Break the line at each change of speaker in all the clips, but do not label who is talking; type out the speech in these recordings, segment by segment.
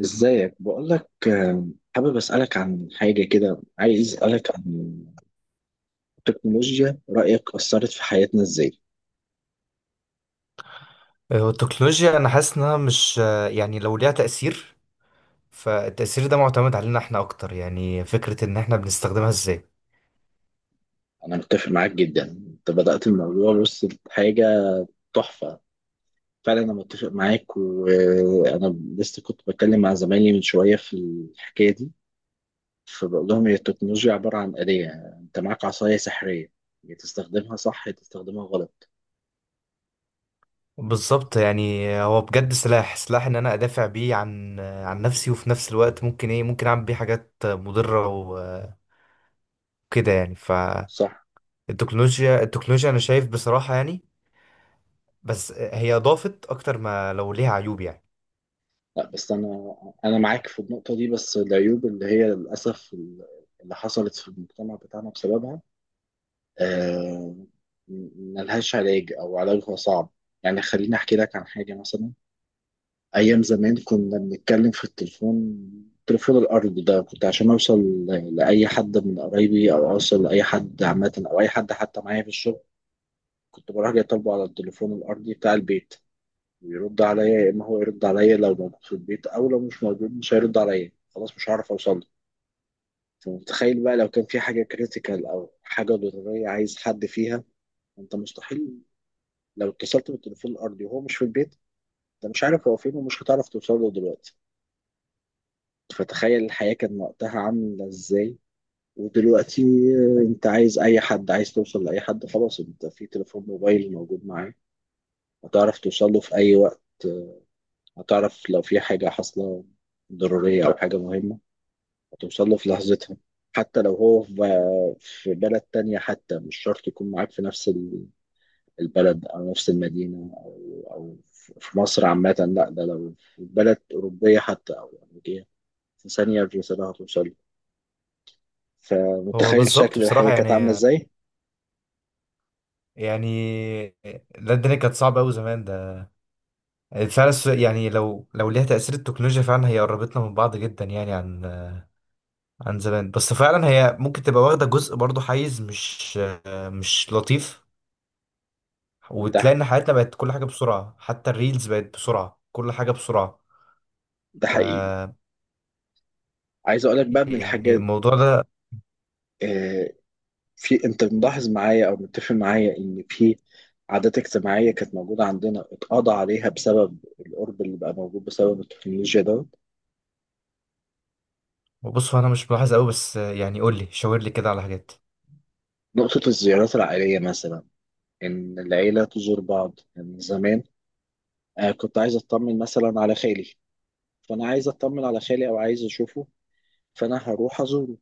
ازيك؟ بقول لك، حابب اسالك عن حاجه كده، عايز اسالك عن التكنولوجيا، رايك اثرت في حياتنا ازاي؟
هو التكنولوجيا انا حاسس انها مش، يعني لو ليها تأثير فالتأثير ده معتمد علينا احنا اكتر، يعني فكرة ان احنا بنستخدمها ازاي.
انا متفق معاك جدا، انت بدات الموضوع، بص حاجه تحفه. فعلا انا متفق معاك، وانا لسه كنت بتكلم مع زمايلي من شويه في الحكايه دي. فبقول لهم هي التكنولوجيا عباره عن آلية، انت معاك عصايه سحريه، يا تستخدمها صح يا تستخدمها غلط.
بالظبط، يعني هو بجد سلاح سلاح ان انا ادافع بيه عن نفسي، وفي نفس الوقت ممكن ايه، ممكن اعمل بيه حاجات مضرة وكده يعني.
صح.
فالتكنولوجيا انا شايف بصراحة يعني، بس هي اضافت اكتر ما لو ليها عيوب يعني.
لا، بس انا معاك في النقطه دي، بس العيوب اللي هي للاسف اللي حصلت في المجتمع بتاعنا بسببها، آه، ملهاش علاج او علاجها صعب. يعني خليني احكي لك عن حاجه مثلا. ايام زمان كنا بنتكلم في التليفون، التليفون الارضي ده، كنت عشان اوصل لاي حد من قرايبي، او اوصل لاي حد عامه، او اي حد حتى معايا في الشغل، كنت بروح جاي طالبه على التليفون الارضي بتاع البيت. يرد عليا، يا اما هو يرد عليا لو موجود في البيت، او لو مش موجود مش هيرد عليا، خلاص مش هعرف اوصل له. فمتخيل بقى لو كان في حاجه كريتيكال او حاجه ضروريه عايز حد فيها؟ انت مستحيل، لو اتصلت بالتليفون الارضي وهو مش في البيت، انت مش عارف هو فين، ومش هتعرف توصل له دلوقتي. فتخيل الحياه كان وقتها عامله ازاي؟ ودلوقتي، انت عايز اي حد، عايز توصل لاي حد، خلاص، انت في تليفون موبايل موجود معاك، هتعرف توصل له في اي وقت. هتعرف لو في حاجه حاصله ضروريه او حاجه مهمه، هتوصل له في لحظتها. حتى لو هو في بلد تانية، حتى مش شرط يكون معاك في نفس البلد أو نفس المدينة أو في مصر عامة، لا، ده لو في بلد أوروبية حتى أو أمريكية، في ثانية الرسالة هتوصل له.
هو
فمتخيل
بالظبط
شكل الحياة
بصراحة
كانت عاملة
يعني
إزاي؟
يعني لا الدنيا كانت صعبة أوي زمان ده. فعلا يعني لو ليها تأثير التكنولوجيا فعلا، هي قربتنا من بعض جدا يعني عن زمان، بس فعلا هي ممكن تبقى واخدة جزء برضه حيز مش لطيف.
ده
وتلاقي ان حياتنا بقت كل حاجة بسرعة، حتى الريلز بقت بسرعة، كل حاجة بسرعة.
ده حقيقي.
ف،
عايز أقولك بقى من
يعني
الحاجات،
الموضوع ده.
آه، في، أنت ملاحظ معايا أو متفق معايا إن في عادات اجتماعية كانت موجودة عندنا اتقضى عليها بسبب القرب اللي بقى موجود بسبب التكنولوجيا ده؟
بص هو انا مش ملاحظ قوي، بس يعني قول لي شاور لي كده على حاجات.
نقطة الزيارات العائلية مثلا، إن العيلة تزور بعض من زمان. كنت عايز أطمن مثلا على خالي، فأنا عايز أطمن على خالي أو عايز أشوفه، فأنا هروح أزوره،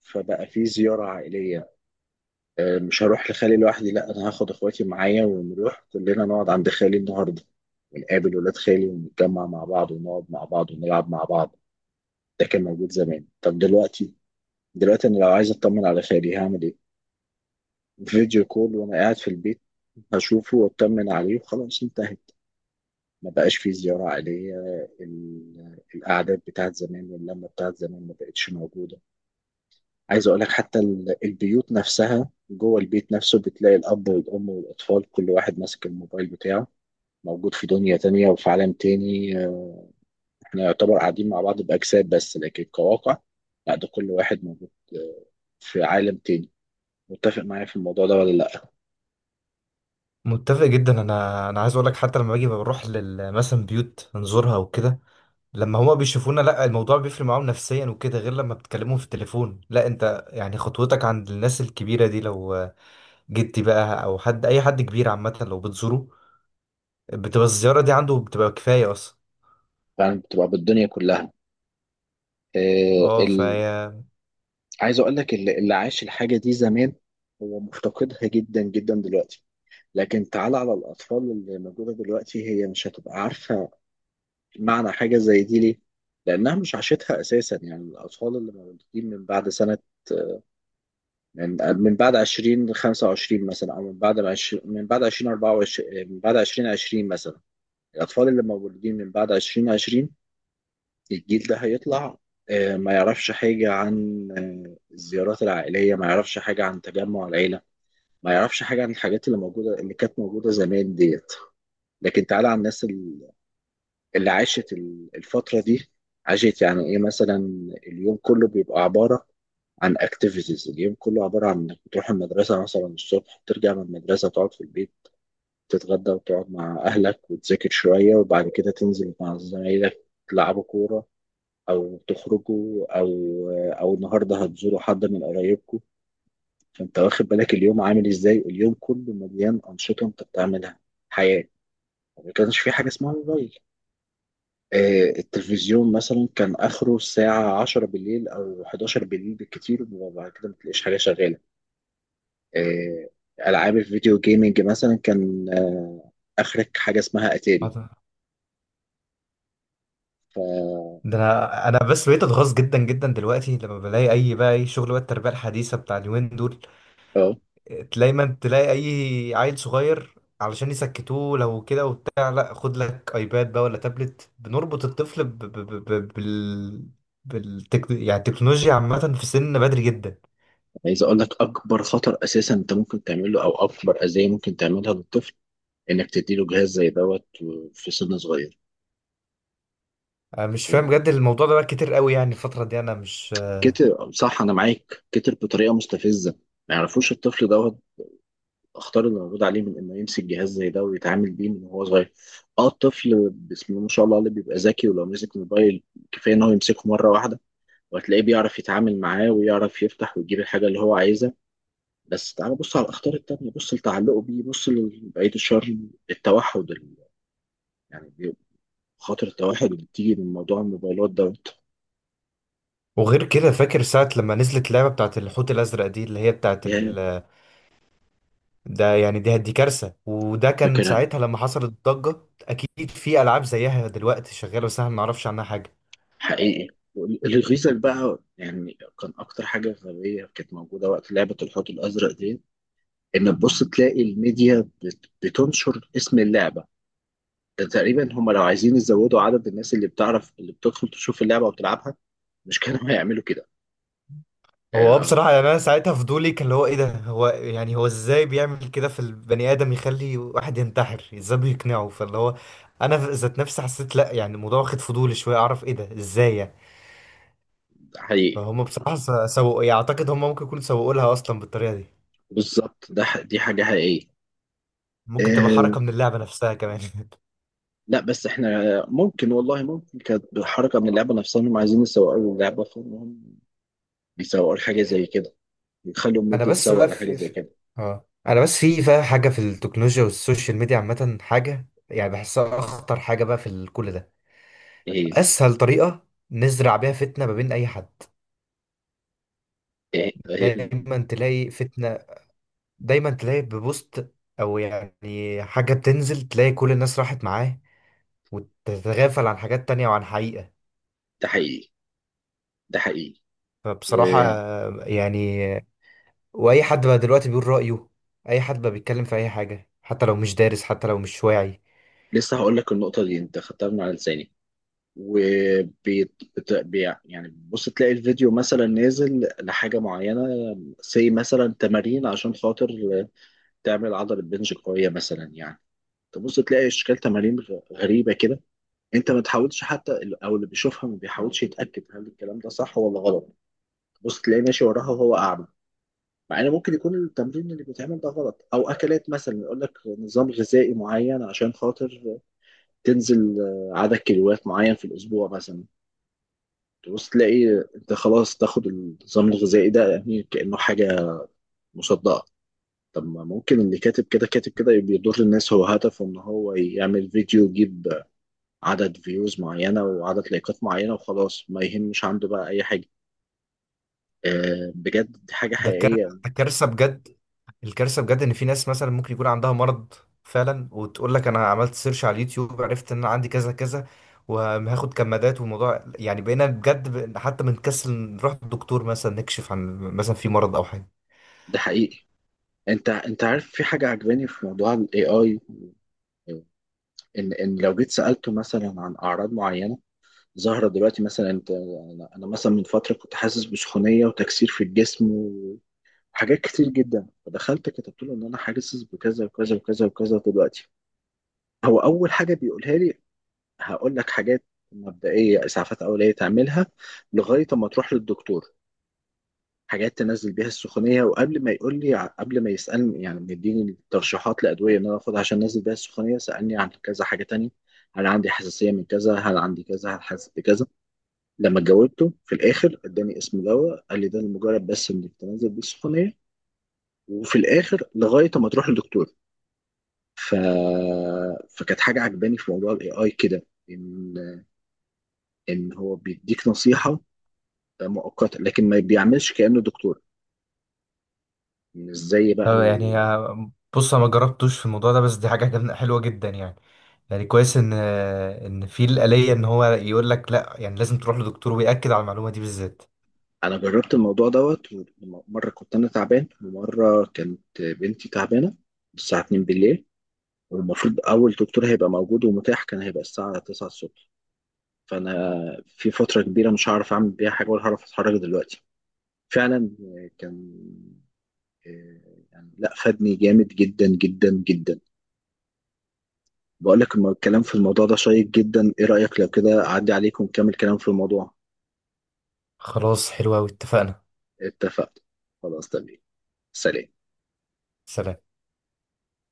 فبقى في زيارة عائلية. مش هروح لخالي لوحدي، لا، أنا هاخد إخواتي معايا ونروح كلنا نقعد عند خالي النهاردة، ونقابل ولاد خالي ونتجمع مع بعض ونقعد مع بعض ونلعب مع بعض. ده كان موجود زمان. طب دلوقتي، دلوقتي أنا لو عايز أطمن على خالي هعمل إيه؟ فيديو كول، وانا قاعد في البيت اشوفه واطمن عليه، وخلاص انتهت، ما بقاش في زيارة عائلية. القعدات بتاعت زمان واللمة بتاعت زمان ما بقتش موجودة. عايز اقول لك حتى البيوت نفسها، جوه البيت نفسه بتلاقي الاب والام والاطفال كل واحد ماسك الموبايل بتاعه، موجود في دنيا تانية وفي عالم تاني. احنا يعتبر قاعدين مع بعض بأجساد بس، لكن كواقع لا، ده كل واحد موجود في عالم تاني. متفق معايا في الموضوع ده ولا لا؟
متفق جدا، انا عايز اقول لك، حتى لما باجي بروح لل مثلا بيوت نزورها وكده، لما هما بيشوفونا لا الموضوع بيفرق معاهم نفسيا وكده، غير لما بتكلمهم في التليفون. لا انت يعني خطوتك عند الناس الكبيرة دي، لو جدي بقى او حد اي حد كبير عامة لو بتزوره بتبقى الزيارة دي عنده بتبقى كفاية اصلا.
فعلا، بتبقى بالدنيا كلها. آه،
اه
ال...
فهي.
عايز اقول لك، اللي عاش الحاجه دي زمان هو مفتقدها جدا جدا دلوقتي. لكن تعال على الاطفال اللي موجوده دلوقتي، هي مش هتبقى عارفه معنى حاجه زي دي ليه، لانها مش عاشتها اساسا. يعني الاطفال اللي مولودين من بعد سنه، من من بعد 2025 مثلا، او من بعد 20، من بعد 2024، من بعد 2020 مثلا. الاطفال اللي مولودين من بعد 2020، الجيل ده هيطلع ما يعرفش حاجة عن الزيارات العائلية، ما يعرفش حاجة عن تجمع العيلة، ما يعرفش حاجة عن الحاجات اللي موجودة اللي كانت موجودة زمان ديت. لكن تعالى على الناس اللي عاشت الفترة دي، عاشت يعني ايه مثلا؟ اليوم كله بيبقى عبارة عن اكتيفيتيز، اليوم كله عبارة عن انك بتروح المدرسة مثلا الصبح، ترجع من المدرسة تقعد في البيت، تتغدى وتقعد مع أهلك وتذاكر شوية، وبعد كده تنزل مع زمايلك تلعبوا كورة، او تخرجوا، او النهارده هتزوروا حد من قرايبكم. فانت واخد بالك اليوم عامل ازاي؟ اليوم كله مليان انشطه انت بتعملها، حياه. ما كانش في حاجه اسمها موبايل، التلفزيون مثلا كان اخره الساعه 10 بالليل او 11 بالليل بالكتير، وبعد كده ما تلاقيش حاجه شغاله. آه، العاب الفيديو جيمنج مثلا، كان اخرك حاجه اسمها اتاري.
ده
ف
انا بس بقيت اتغاظ جدا جدا دلوقتي لما بلاقي اي بقى اي شغل بقى التربية الحديثة بتاع اليومين دول،
اه
دايما تلاقي اي عيل صغير علشان يسكتوه لو كده وبتاع، لا خد لك ايباد بقى ولا تابلت، بنربط الطفل يعني التكنولوجيا عامة في سن بدري جدا.
عايز اقول لك، اكبر خطر اساسا انت ممكن تعمله، او اكبر اذيه ممكن تعملها للطفل، انك تديله جهاز زي دوت في سن صغير.
أنا مش فاهم بجد الموضوع ده بقى كتير قوي، يعني الفترة دي أنا مش.
كتر، صح، انا معاك، كتر بطريقه مستفزه. ما يعرفوش الطفل دوت اخطار اللي موجود عليه من انه يمسك جهاز زي ده ويتعامل بيه من وهو صغير. اه، الطفل بسم الله ما شاء الله اللي بيبقى ذكي، ولو مسك موبايل كفايه ان هو يمسكه مره واحده، وهتلاقيه بيعرف يتعامل معاه ويعرف يفتح ويجيب الحاجه اللي هو عايزها. بس تعال بص على الاخطار التانيه، بص لتعلقه بيه، بص لبعيد الشر، التوحد، يعني خاطر التوحد اللي بتيجي من موضوع الموبايلات دوت.
وغير كده، فاكر ساعة لما نزلت لعبة بتاعت الحوت الأزرق دي اللي هي بتاعت ال...، ده يعني دي كارثة، وده كان
فاكرها.
ساعتها لما حصلت الضجة. أكيد في ألعاب زيها دلوقتي شغالة، بس احنا ما نعرفش عنها حاجة.
حقيقي. الريزل بقى، يعني كان اكتر حاجه غبيه كانت موجوده وقت لعبه الحوت الازرق دي، ان تبص تلاقي الميديا بتنشر اسم اللعبه. ده تقريبا، هم لو عايزين يزودوا عدد الناس اللي بتعرف، اللي بتدخل تشوف اللعبه وتلعبها، مش كانوا هيعملوا كده؟
هو
آه،
بصراحة يعني، أنا ساعتها فضولي كان اللي هو إيه ده، هو يعني هو إزاي بيعمل كده في البني آدم، يخلي واحد ينتحر إزاي بيقنعه. فاللي هو أنا ذات نفسي حسيت لأ، يعني الموضوع واخد فضولي شوية، أعرف إيه ده إزاي يعني.
ده حقيقي.
فهم بصراحة سوقوا، يعني أعتقد هم ممكن يكونوا سوقوا لها أصلا بالطريقة دي.
بالظبط، دي حاجه حقيقيه.
ممكن تبقى
آه،
حركة من اللعبة نفسها كمان
لا، بس احنا، ممكن، والله ممكن كانت حركه من اللعبه نفسها، انهم عايزين يسوقوا اللعبه فانهم بيسوقوا حاجه زي كده، يخلوا
أنا
الميديا
بس
تسوق
بقى
لحاجه
في,
زي
في...
كده.
أنا بس في بقى حاجة في التكنولوجيا والسوشيال ميديا عامة، حاجة يعني بحسها أخطر حاجة بقى في كل ده.
ايه،
أسهل طريقة نزرع بيها فتنة ما بين أي حد.
ايه، إيه،
دايما تلاقي فتنة، دايما تلاقي ببوست او يعني حاجة بتنزل، تلاقي كل الناس راحت معاه، وتتغافل عن حاجات تانية وعن حقيقة.
ده حقيقي، ده حقيقي،
فبصراحة
ولسه.
يعني، واي حد بقى دلوقتي بيقول رأيه، اي حد بقى بيتكلم في اي حاجة حتى لو مش دارس حتى لو مش واعي.
هقول لك النقطة دي انت خدتها من على لساني، وبي يعني بص، تلاقي الفيديو مثلا نازل لحاجة معينة، زي مثلا تمارين عشان خاطر تعمل عضلة بنج قوية مثلا يعني، تبص تلاقي اشكال تمارين غريبة كده، انت ما تحاولش حتى، او اللي بيشوفها ما بيحاولش يتأكد هل الكلام ده صح ولا غلط، بص تلاقيه ماشي وراها وهو أعمى، مع ان ممكن يكون التمرين اللي بيتعمل ده غلط. او اكلات مثلا، يقول لك نظام غذائي معين عشان خاطر تنزل عدد كيلوات معين في الاسبوع مثلا، تبص تلاقي انت خلاص تاخد النظام الغذائي ده، يعني كانه حاجه مصدقه. طب ما ممكن اللي كاتب كده، كاتب كده بيضر الناس، هو هدفه ان هو يعمل فيديو يجيب عدد فيوز معينه وعدد لايكات معينه وخلاص، ما يهمش عنده بقى اي حاجه. بجد دي حاجه
ده كار-
حقيقيه.
ده كارثة بجد. الكارثه بجد ان في ناس مثلا ممكن يكون عندها مرض فعلا، وتقول لك انا عملت سيرش على اليوتيوب، عرفت ان انا عندي كذا كذا وهاخد كمادات، والموضوع يعني بقينا بجد حتى بنكسل نروح للدكتور مثلا نكشف عن مثلا في مرض او حاجه.
ده حقيقي. انت عارف، في حاجه عجباني في موضوع الاي اي، ان ان لو جيت سالته مثلا عن اعراض معينه ظاهره دلوقتي مثلا، انت انا أنا مثلا من فتره كنت حاسس بسخونيه وتكسير في الجسم وحاجات كتير جدا، فدخلت كتبت له ان انا حاسس بكذا وكذا وكذا وكذا دلوقتي. هو اول حاجه بيقولها لي: هقول لك حاجات مبدئيه، اسعافات اوليه تعملها لغايه اما تروح للدكتور، حاجات تنزل بيها السخونيه. وقبل ما يقول لي قبل ما يسالني يعني مديني ترشيحات لادويه ان انا اخدها عشان انزل بيها السخونيه، سالني عن كذا حاجه تانية: هل عندي حساسيه من كذا؟ هل عندي كذا؟ هل حاسس بكذا؟ لما جاوبته في الاخر اداني اسم دواء، قال لي ده لمجرد بس انك تنزل بيه السخونيه، وفي الاخر لغايه ما تروح للدكتور. ف... فكانت حاجه عجباني في موضوع الاي اي كده، ان هو بيديك نصيحه مؤقته، لكن ما بيعملش كانه دكتور، مش زي بقى.
طب يعني بص انا ما جربتوش في الموضوع ده، بس دي حاجه حلوه جدا يعني. يعني كويس ان ان في الآلية ان هو يقول لك لا، يعني لازم تروح لدكتور، ويأكد على المعلومه دي بالذات.
انا جربت الموضوع دوت، ومره كنت انا تعبان ومره كانت بنتي تعبانه الساعه 2 بالليل، والمفروض اول دكتور هيبقى موجود ومتاح كان هيبقى الساعه 9 الصبح، فانا في فتره كبيره مش هعرف اعمل بيها حاجه ولا هعرف اتحرك دلوقتي. فعلا كان، يعني لا، فادني جامد جدا جدا جدا. بقول لك، الكلام في الموضوع ده شيق جدا، ايه رايك لو كده اعدي عليكم ونكمل كلام في الموضوع؟
خلاص حلوه قوي اتفقنا.
اتفقت، خلاص تمام. سلام.
سلام.